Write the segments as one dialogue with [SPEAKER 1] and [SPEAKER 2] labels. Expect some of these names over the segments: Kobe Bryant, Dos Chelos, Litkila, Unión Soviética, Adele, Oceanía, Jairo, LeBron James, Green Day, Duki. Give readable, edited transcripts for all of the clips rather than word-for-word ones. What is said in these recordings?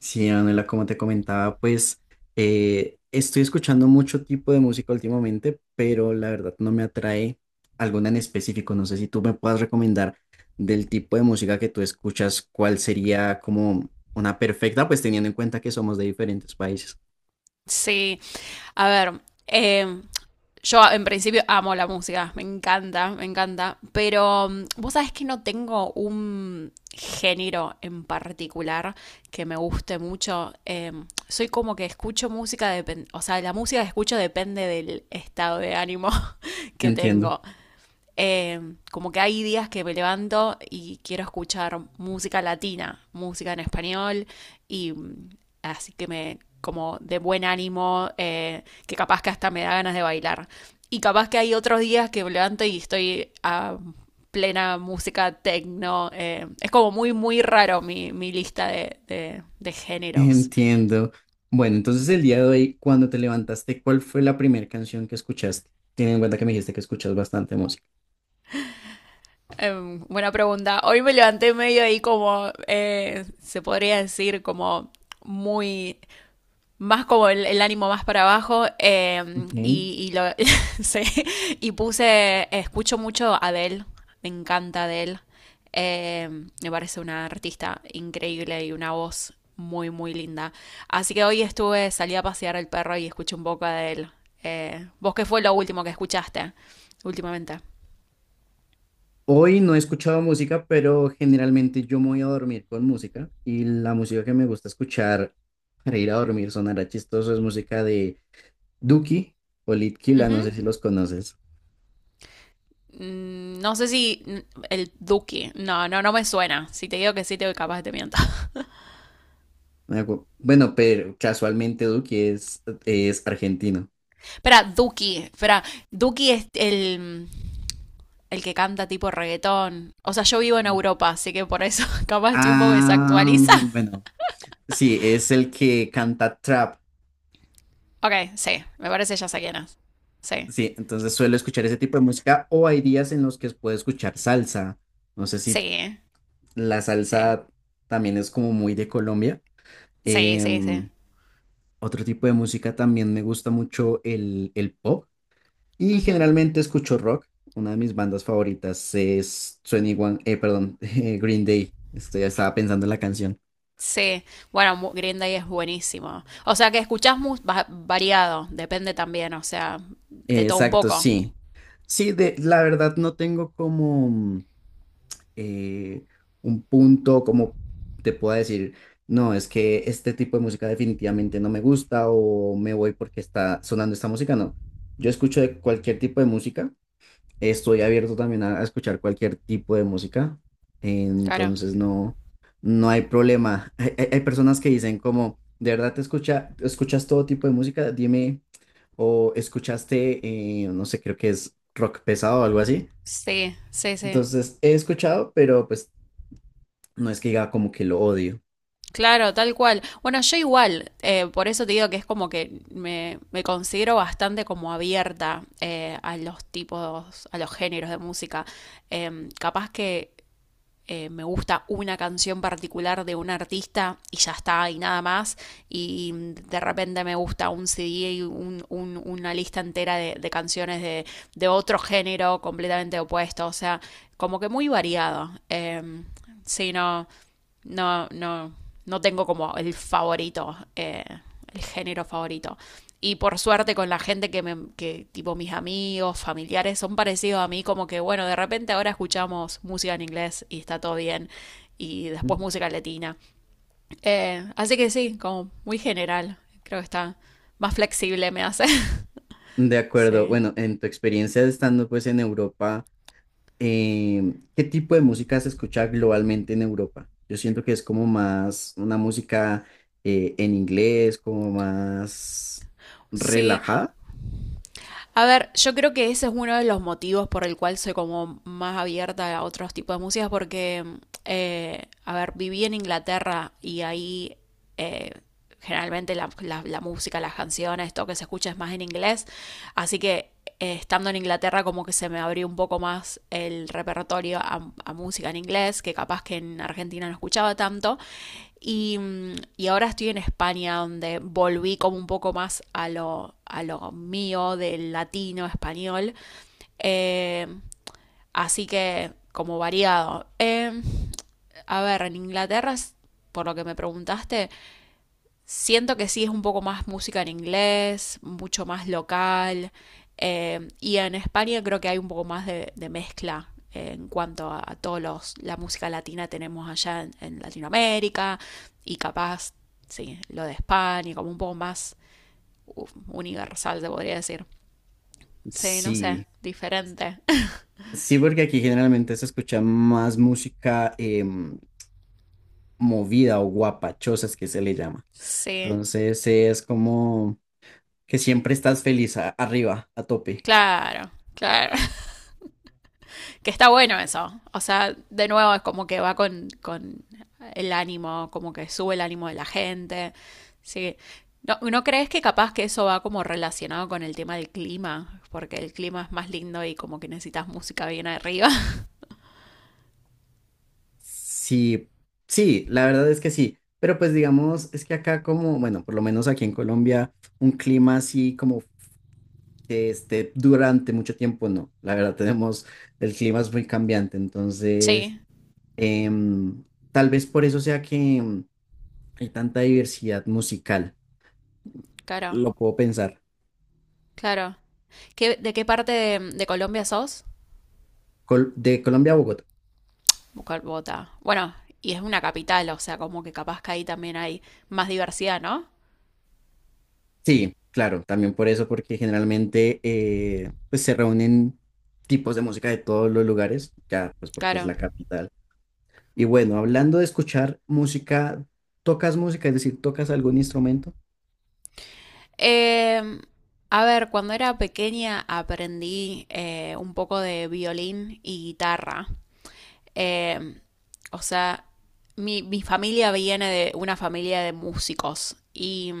[SPEAKER 1] Sí, Manuela, como te comentaba, pues estoy escuchando mucho tipo de música últimamente, pero la verdad no me atrae alguna en específico. No sé si tú me puedas recomendar del tipo de música que tú escuchas, cuál sería como una perfecta, pues teniendo en cuenta que somos de diferentes países.
[SPEAKER 2] Sí, a ver, em, yo en principio amo la música, me encanta, pero vos sabés que no tengo un género en particular que me guste mucho. Soy como que escucho música, o sea, la música que escucho depende del estado de ánimo que
[SPEAKER 1] Entiendo,
[SPEAKER 2] tengo. Eh, como que hay días que me levanto y quiero escuchar música latina, música en español, y así que me, como de buen ánimo, que capaz que hasta me da ganas de bailar. Y capaz que hay otros días que me levanto y estoy a plena música techno. Es como muy, muy raro mi lista de géneros.
[SPEAKER 1] entiendo. Bueno, entonces el día de hoy, cuando te levantaste, ¿cuál fue la primera canción que escuchaste? Teniendo en cuenta que me dijiste que escuchas bastante música.
[SPEAKER 2] Buena pregunta. Hoy me levanté medio ahí como, se podría decir, como muy más como el ánimo más para abajo
[SPEAKER 1] Ok.
[SPEAKER 2] y sí, y puse, escucho mucho a Adele, me encanta Adele, eh, me parece una artista increíble y una voz muy, muy linda. Así que hoy estuve, salí a pasear al perro y escuché un poco a Adele. ¿Vos qué fue lo último que escuchaste últimamente?
[SPEAKER 1] Hoy no he escuchado música, pero generalmente yo me voy a dormir con música y la música que me gusta escuchar para ir a dormir sonará chistoso es música de Duki o Litkila, no sé
[SPEAKER 2] Ujú.
[SPEAKER 1] si los conoces.
[SPEAKER 2] No sé si el Duki, no, no, no me suena. Si te digo que sí, te capaz que te miento.
[SPEAKER 1] Bueno, pero casualmente Duki es argentino.
[SPEAKER 2] Espera, Duki. Espera, Duki es el que canta tipo reggaetón. O sea, yo vivo en
[SPEAKER 1] El-
[SPEAKER 2] Europa, así que por eso capaz estoy un poco
[SPEAKER 1] Ah,
[SPEAKER 2] desactualizada.
[SPEAKER 1] bueno, sí, es el que canta trap.
[SPEAKER 2] Ok, sí, me parece ya sé quién es. Sí,
[SPEAKER 1] Sí, entonces suelo escuchar ese tipo de música o hay días en los que puedo escuchar salsa. No sé si
[SPEAKER 2] sí,
[SPEAKER 1] la
[SPEAKER 2] sí,
[SPEAKER 1] salsa también es como muy de Colombia.
[SPEAKER 2] sí, sí, sí.
[SPEAKER 1] Em, Otro tipo de música también me gusta mucho el pop y
[SPEAKER 2] Ujú.
[SPEAKER 1] generalmente escucho rock. Una de mis bandas favoritas es 21, perdón, Green Day. Estaba pensando en la canción.
[SPEAKER 2] Sí, bueno, Green Day es buenísimo. O sea que escuchás variado, depende también, o sea, de todo un
[SPEAKER 1] Exacto,
[SPEAKER 2] poco.
[SPEAKER 1] sí. La verdad no tengo como eh, un punto, como te pueda decir, no, es que este tipo de música definitivamente no me gusta o me voy porque está sonando esta música. No, yo escucho de cualquier tipo de música. Estoy abierto también a escuchar cualquier tipo de música,
[SPEAKER 2] Claro.
[SPEAKER 1] entonces no, no hay problema. Hay personas que dicen como, ¿de verdad escuchas todo tipo de música? Dime, o escuchaste, no sé, creo que es rock pesado o algo así.
[SPEAKER 2] Sí, sí, sí.
[SPEAKER 1] Entonces he escuchado, pero pues no es que diga como que lo odio.
[SPEAKER 2] Claro, tal cual. Bueno, yo igual, por eso te digo que es como que me considero bastante como abierta a los tipos, a los géneros de música. Capaz que me gusta una canción particular de un artista y ya está y nada más y de repente me gusta un CD y una lista entera de canciones de otro género completamente opuesto, o sea, como que muy variado. Sí, no, no, no, no tengo como el favorito, el género favorito. Y por suerte con la gente que, tipo mis amigos, familiares, son parecidos a mí, como que, bueno, de repente ahora escuchamos música en inglés y está todo bien, y después música latina. Así que sí, como muy general, creo que está más flexible me hace.
[SPEAKER 1] De acuerdo,
[SPEAKER 2] Sí.
[SPEAKER 1] bueno, en tu experiencia estando pues en Europa. Eh, ¿qué tipo de música se escucha globalmente en Europa? Yo siento que es como más una música en inglés, como más
[SPEAKER 2] Sí,
[SPEAKER 1] relajada.
[SPEAKER 2] a ver, yo creo que ese es uno de los motivos por el cual soy como más abierta a otros tipos de músicas, porque, a ver, viví en Inglaterra y ahí eh, generalmente la música, las canciones, todo que se escucha es más en inglés. Así que estando en Inglaterra como que se me abrió un poco más el repertorio a música en inglés, que capaz que en Argentina no escuchaba tanto. Y, y ahora estoy en España, donde volví como un poco más a lo mío del latino, español. Eh, así que como variado. A ver, en Inglaterra, por lo que me preguntaste, siento que sí es un poco más música en inglés, mucho más local. Y en España creo que hay un poco más de mezcla en cuanto a todos los, la música latina tenemos allá en Latinoamérica y capaz, sí, lo de España, como un poco más uf, universal, se podría decir. Sí, no sé,
[SPEAKER 1] Sí,
[SPEAKER 2] diferente.
[SPEAKER 1] sí, porque aquí generalmente se escucha más música movida o guapachosas que se le llama.
[SPEAKER 2] Sí,
[SPEAKER 1] Entonces es como que siempre estás feliz arriba, a tope.
[SPEAKER 2] claro, claro. Que está bueno eso. O sea, de nuevo es como que va con el ánimo, como que sube el ánimo de la gente. Sí. ¿No crees que capaz que eso va como relacionado con el tema del clima? Porque el clima es más lindo y como que necesitas música bien arriba.
[SPEAKER 1] Sí, sí, la verdad es que sí, pero pues digamos, es que acá como, bueno, por lo menos aquí en Colombia, un clima así como que esté durante mucho tiempo, no, la verdad tenemos, el clima es muy cambiante, entonces,
[SPEAKER 2] Sí,
[SPEAKER 1] em, tal vez por eso sea que hay tanta diversidad musical,
[SPEAKER 2] claro,
[SPEAKER 1] lo puedo pensar.
[SPEAKER 2] claro. ¿De qué parte de Colombia sos?
[SPEAKER 1] De Colombia a Bogotá.
[SPEAKER 2] Bogotá. Bueno, y es una capital, o sea, como que capaz que ahí también hay más diversidad, ¿no?
[SPEAKER 1] Sí, claro, también por eso, porque generalmente pues se reúnen tipos de música de todos los lugares, ya pues porque es
[SPEAKER 2] Claro.
[SPEAKER 1] la capital. Y bueno, hablando de escuchar música, ¿tocas música? Es decir, ¿tocas algún instrumento?
[SPEAKER 2] Eh, a ver, cuando era pequeña aprendí un poco de violín y guitarra. Eh, o sea, mi familia viene de una familia de músicos y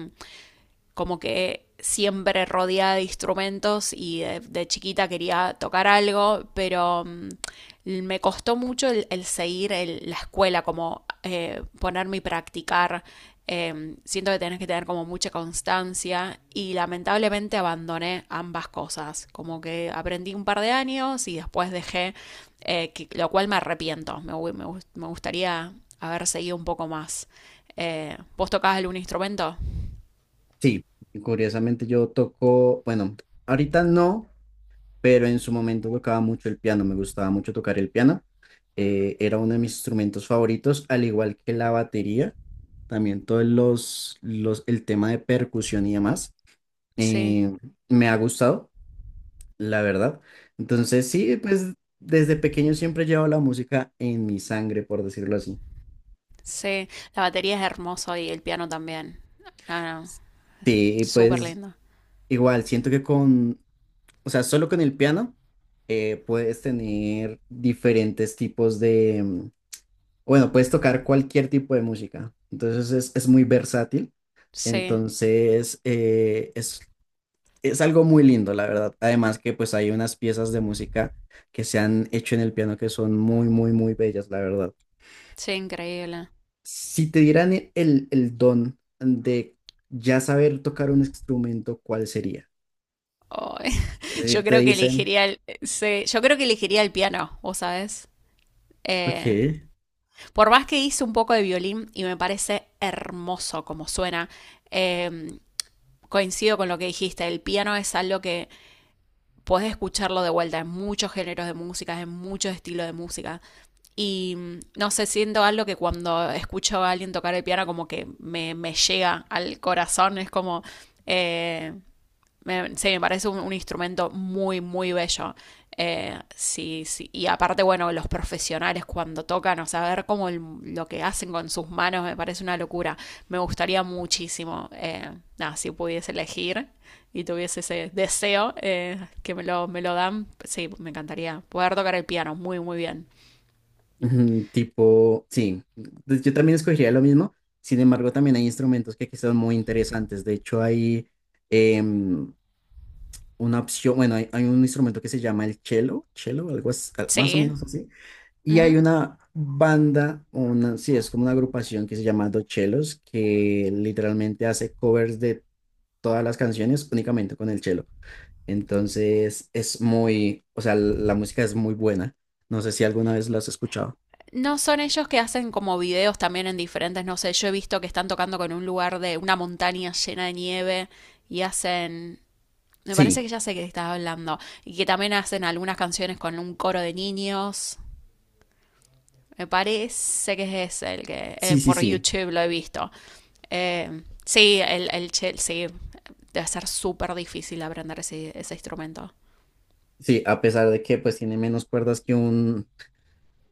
[SPEAKER 2] como que siempre rodeada de instrumentos y de chiquita quería tocar algo, pero me costó mucho el seguir la escuela, como ponerme y practicar. Siento que tenés que tener como mucha constancia y lamentablemente abandoné ambas cosas, como que aprendí un par de años y después dejé, lo cual me arrepiento, me gustaría haber seguido un poco más. ¿Vos tocabas algún instrumento?
[SPEAKER 1] Sí, curiosamente yo toco, bueno, ahorita no, pero en su momento tocaba mucho el piano, me gustaba mucho tocar el piano. Eh, era uno de mis instrumentos favoritos, al igual que la batería, también todos el tema de percusión y demás.
[SPEAKER 2] Sí.
[SPEAKER 1] eh, Me ha gustado, la verdad. Entonces, sí, pues desde pequeño siempre llevo la música en mi sangre, por decirlo así.
[SPEAKER 2] Sí, la batería es hermosa y el piano también. No, no,
[SPEAKER 1] Sí,
[SPEAKER 2] súper
[SPEAKER 1] pues
[SPEAKER 2] lindo.
[SPEAKER 1] igual, siento que con, o sea, solo con el piano puedes tener diferentes tipos de, bueno, puedes tocar cualquier tipo de música. Entonces es muy versátil.
[SPEAKER 2] Sí,
[SPEAKER 1] Entonces es algo muy lindo, la verdad. Además que pues hay unas piezas de música que se han hecho en el piano que son muy, muy, muy bellas, la verdad.
[SPEAKER 2] sí, increíble.
[SPEAKER 1] Si te dieran el don de ya saber tocar un instrumento, ¿cuál sería?
[SPEAKER 2] Ay,
[SPEAKER 1] Es
[SPEAKER 2] yo
[SPEAKER 1] decir, te
[SPEAKER 2] creo que
[SPEAKER 1] dicen,
[SPEAKER 2] elegiría sí, yo creo que elegiría el piano, ¿vos sabés?
[SPEAKER 1] ok.
[SPEAKER 2] Eh, por más que hice un poco de violín y me parece hermoso como suena, eh, coincido con lo que dijiste, el piano es algo que podés escucharlo de vuelta en muchos géneros de música, en muchos estilos de música. Y no sé, siento algo que cuando escucho a alguien tocar el piano como que me llega al corazón, es como... Eh, sí, me parece un instrumento muy, muy bello. Sí, sí. Y aparte, bueno, los profesionales cuando tocan, o sea, ver cómo lo que hacen con sus manos me parece una locura. Me gustaría muchísimo, nada, si pudiese elegir y tuviese ese deseo que me lo dan, sí, me encantaría poder tocar el piano muy, muy bien.
[SPEAKER 1] Ujú, tipo, sí, pues yo también escogería lo mismo, sin embargo también hay instrumentos que aquí son muy interesantes, de hecho hay em, una opción, bueno, hay un instrumento que se llama el cello, cello, algo más o
[SPEAKER 2] Sí.
[SPEAKER 1] menos así, y hay
[SPEAKER 2] Ujú.
[SPEAKER 1] una banda, una, sí, es como una agrupación que se llama Dos Chelos, que literalmente hace covers de todas las canciones únicamente con el cello. Entonces es muy, o sea, la música es muy buena. No sé si alguna vez lo has escuchado.
[SPEAKER 2] No son ellos que hacen como videos también en diferentes, no sé, yo he visto que están tocando con un lugar de una montaña llena de nieve y hacen, me parece que
[SPEAKER 1] Sí.
[SPEAKER 2] ya sé que estás hablando, y que también hacen algunas canciones con un coro de niños. Me parece que es ese el que
[SPEAKER 1] Sí, sí,
[SPEAKER 2] por
[SPEAKER 1] sí.
[SPEAKER 2] YouTube lo he visto. Sí, sí, debe ser súper difícil aprender ese instrumento.
[SPEAKER 1] Sí, a pesar de que pues tiene menos cuerdas que un...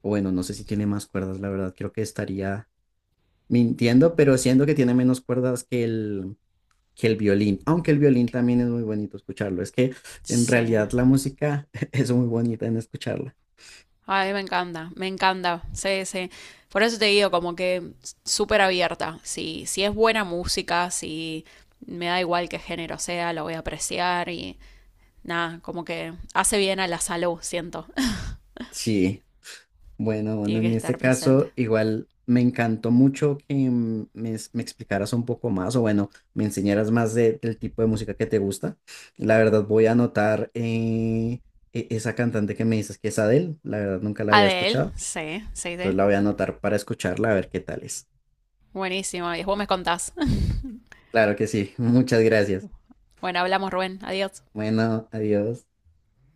[SPEAKER 1] O bueno, no sé si tiene más cuerdas, la verdad, creo que estaría mintiendo, pero siendo que tiene menos cuerdas que que el violín, aunque el violín también es muy bonito escucharlo. Es que en
[SPEAKER 2] Sí.
[SPEAKER 1] realidad la música es muy bonita en escucharla.
[SPEAKER 2] Ay, me encanta, me encanta. Sí, sí. Por eso te digo, como que súper abierta. Si, si es buena música, si me da igual qué género sea, lo voy a apreciar y nada, como que hace bien a la salud, siento.
[SPEAKER 1] Sí, bueno, bueno,
[SPEAKER 2] Tiene que
[SPEAKER 1] en este
[SPEAKER 2] estar presente.
[SPEAKER 1] caso igual me encantó mucho que me explicaras un poco más o bueno, me enseñaras más del tipo de música que te gusta. La verdad voy a anotar esa cantante que me dices que es Adele, la verdad nunca la había
[SPEAKER 2] Adel,
[SPEAKER 1] escuchado,
[SPEAKER 2] sí, sí,
[SPEAKER 1] entonces
[SPEAKER 2] sí.
[SPEAKER 1] la voy a anotar para escucharla a ver qué tal es.
[SPEAKER 2] Buenísimo. Y vos me contás.
[SPEAKER 1] Claro que sí, muchas gracias.
[SPEAKER 2] Bueno, hablamos, Rubén. Adiós.
[SPEAKER 1] Bueno, adiós.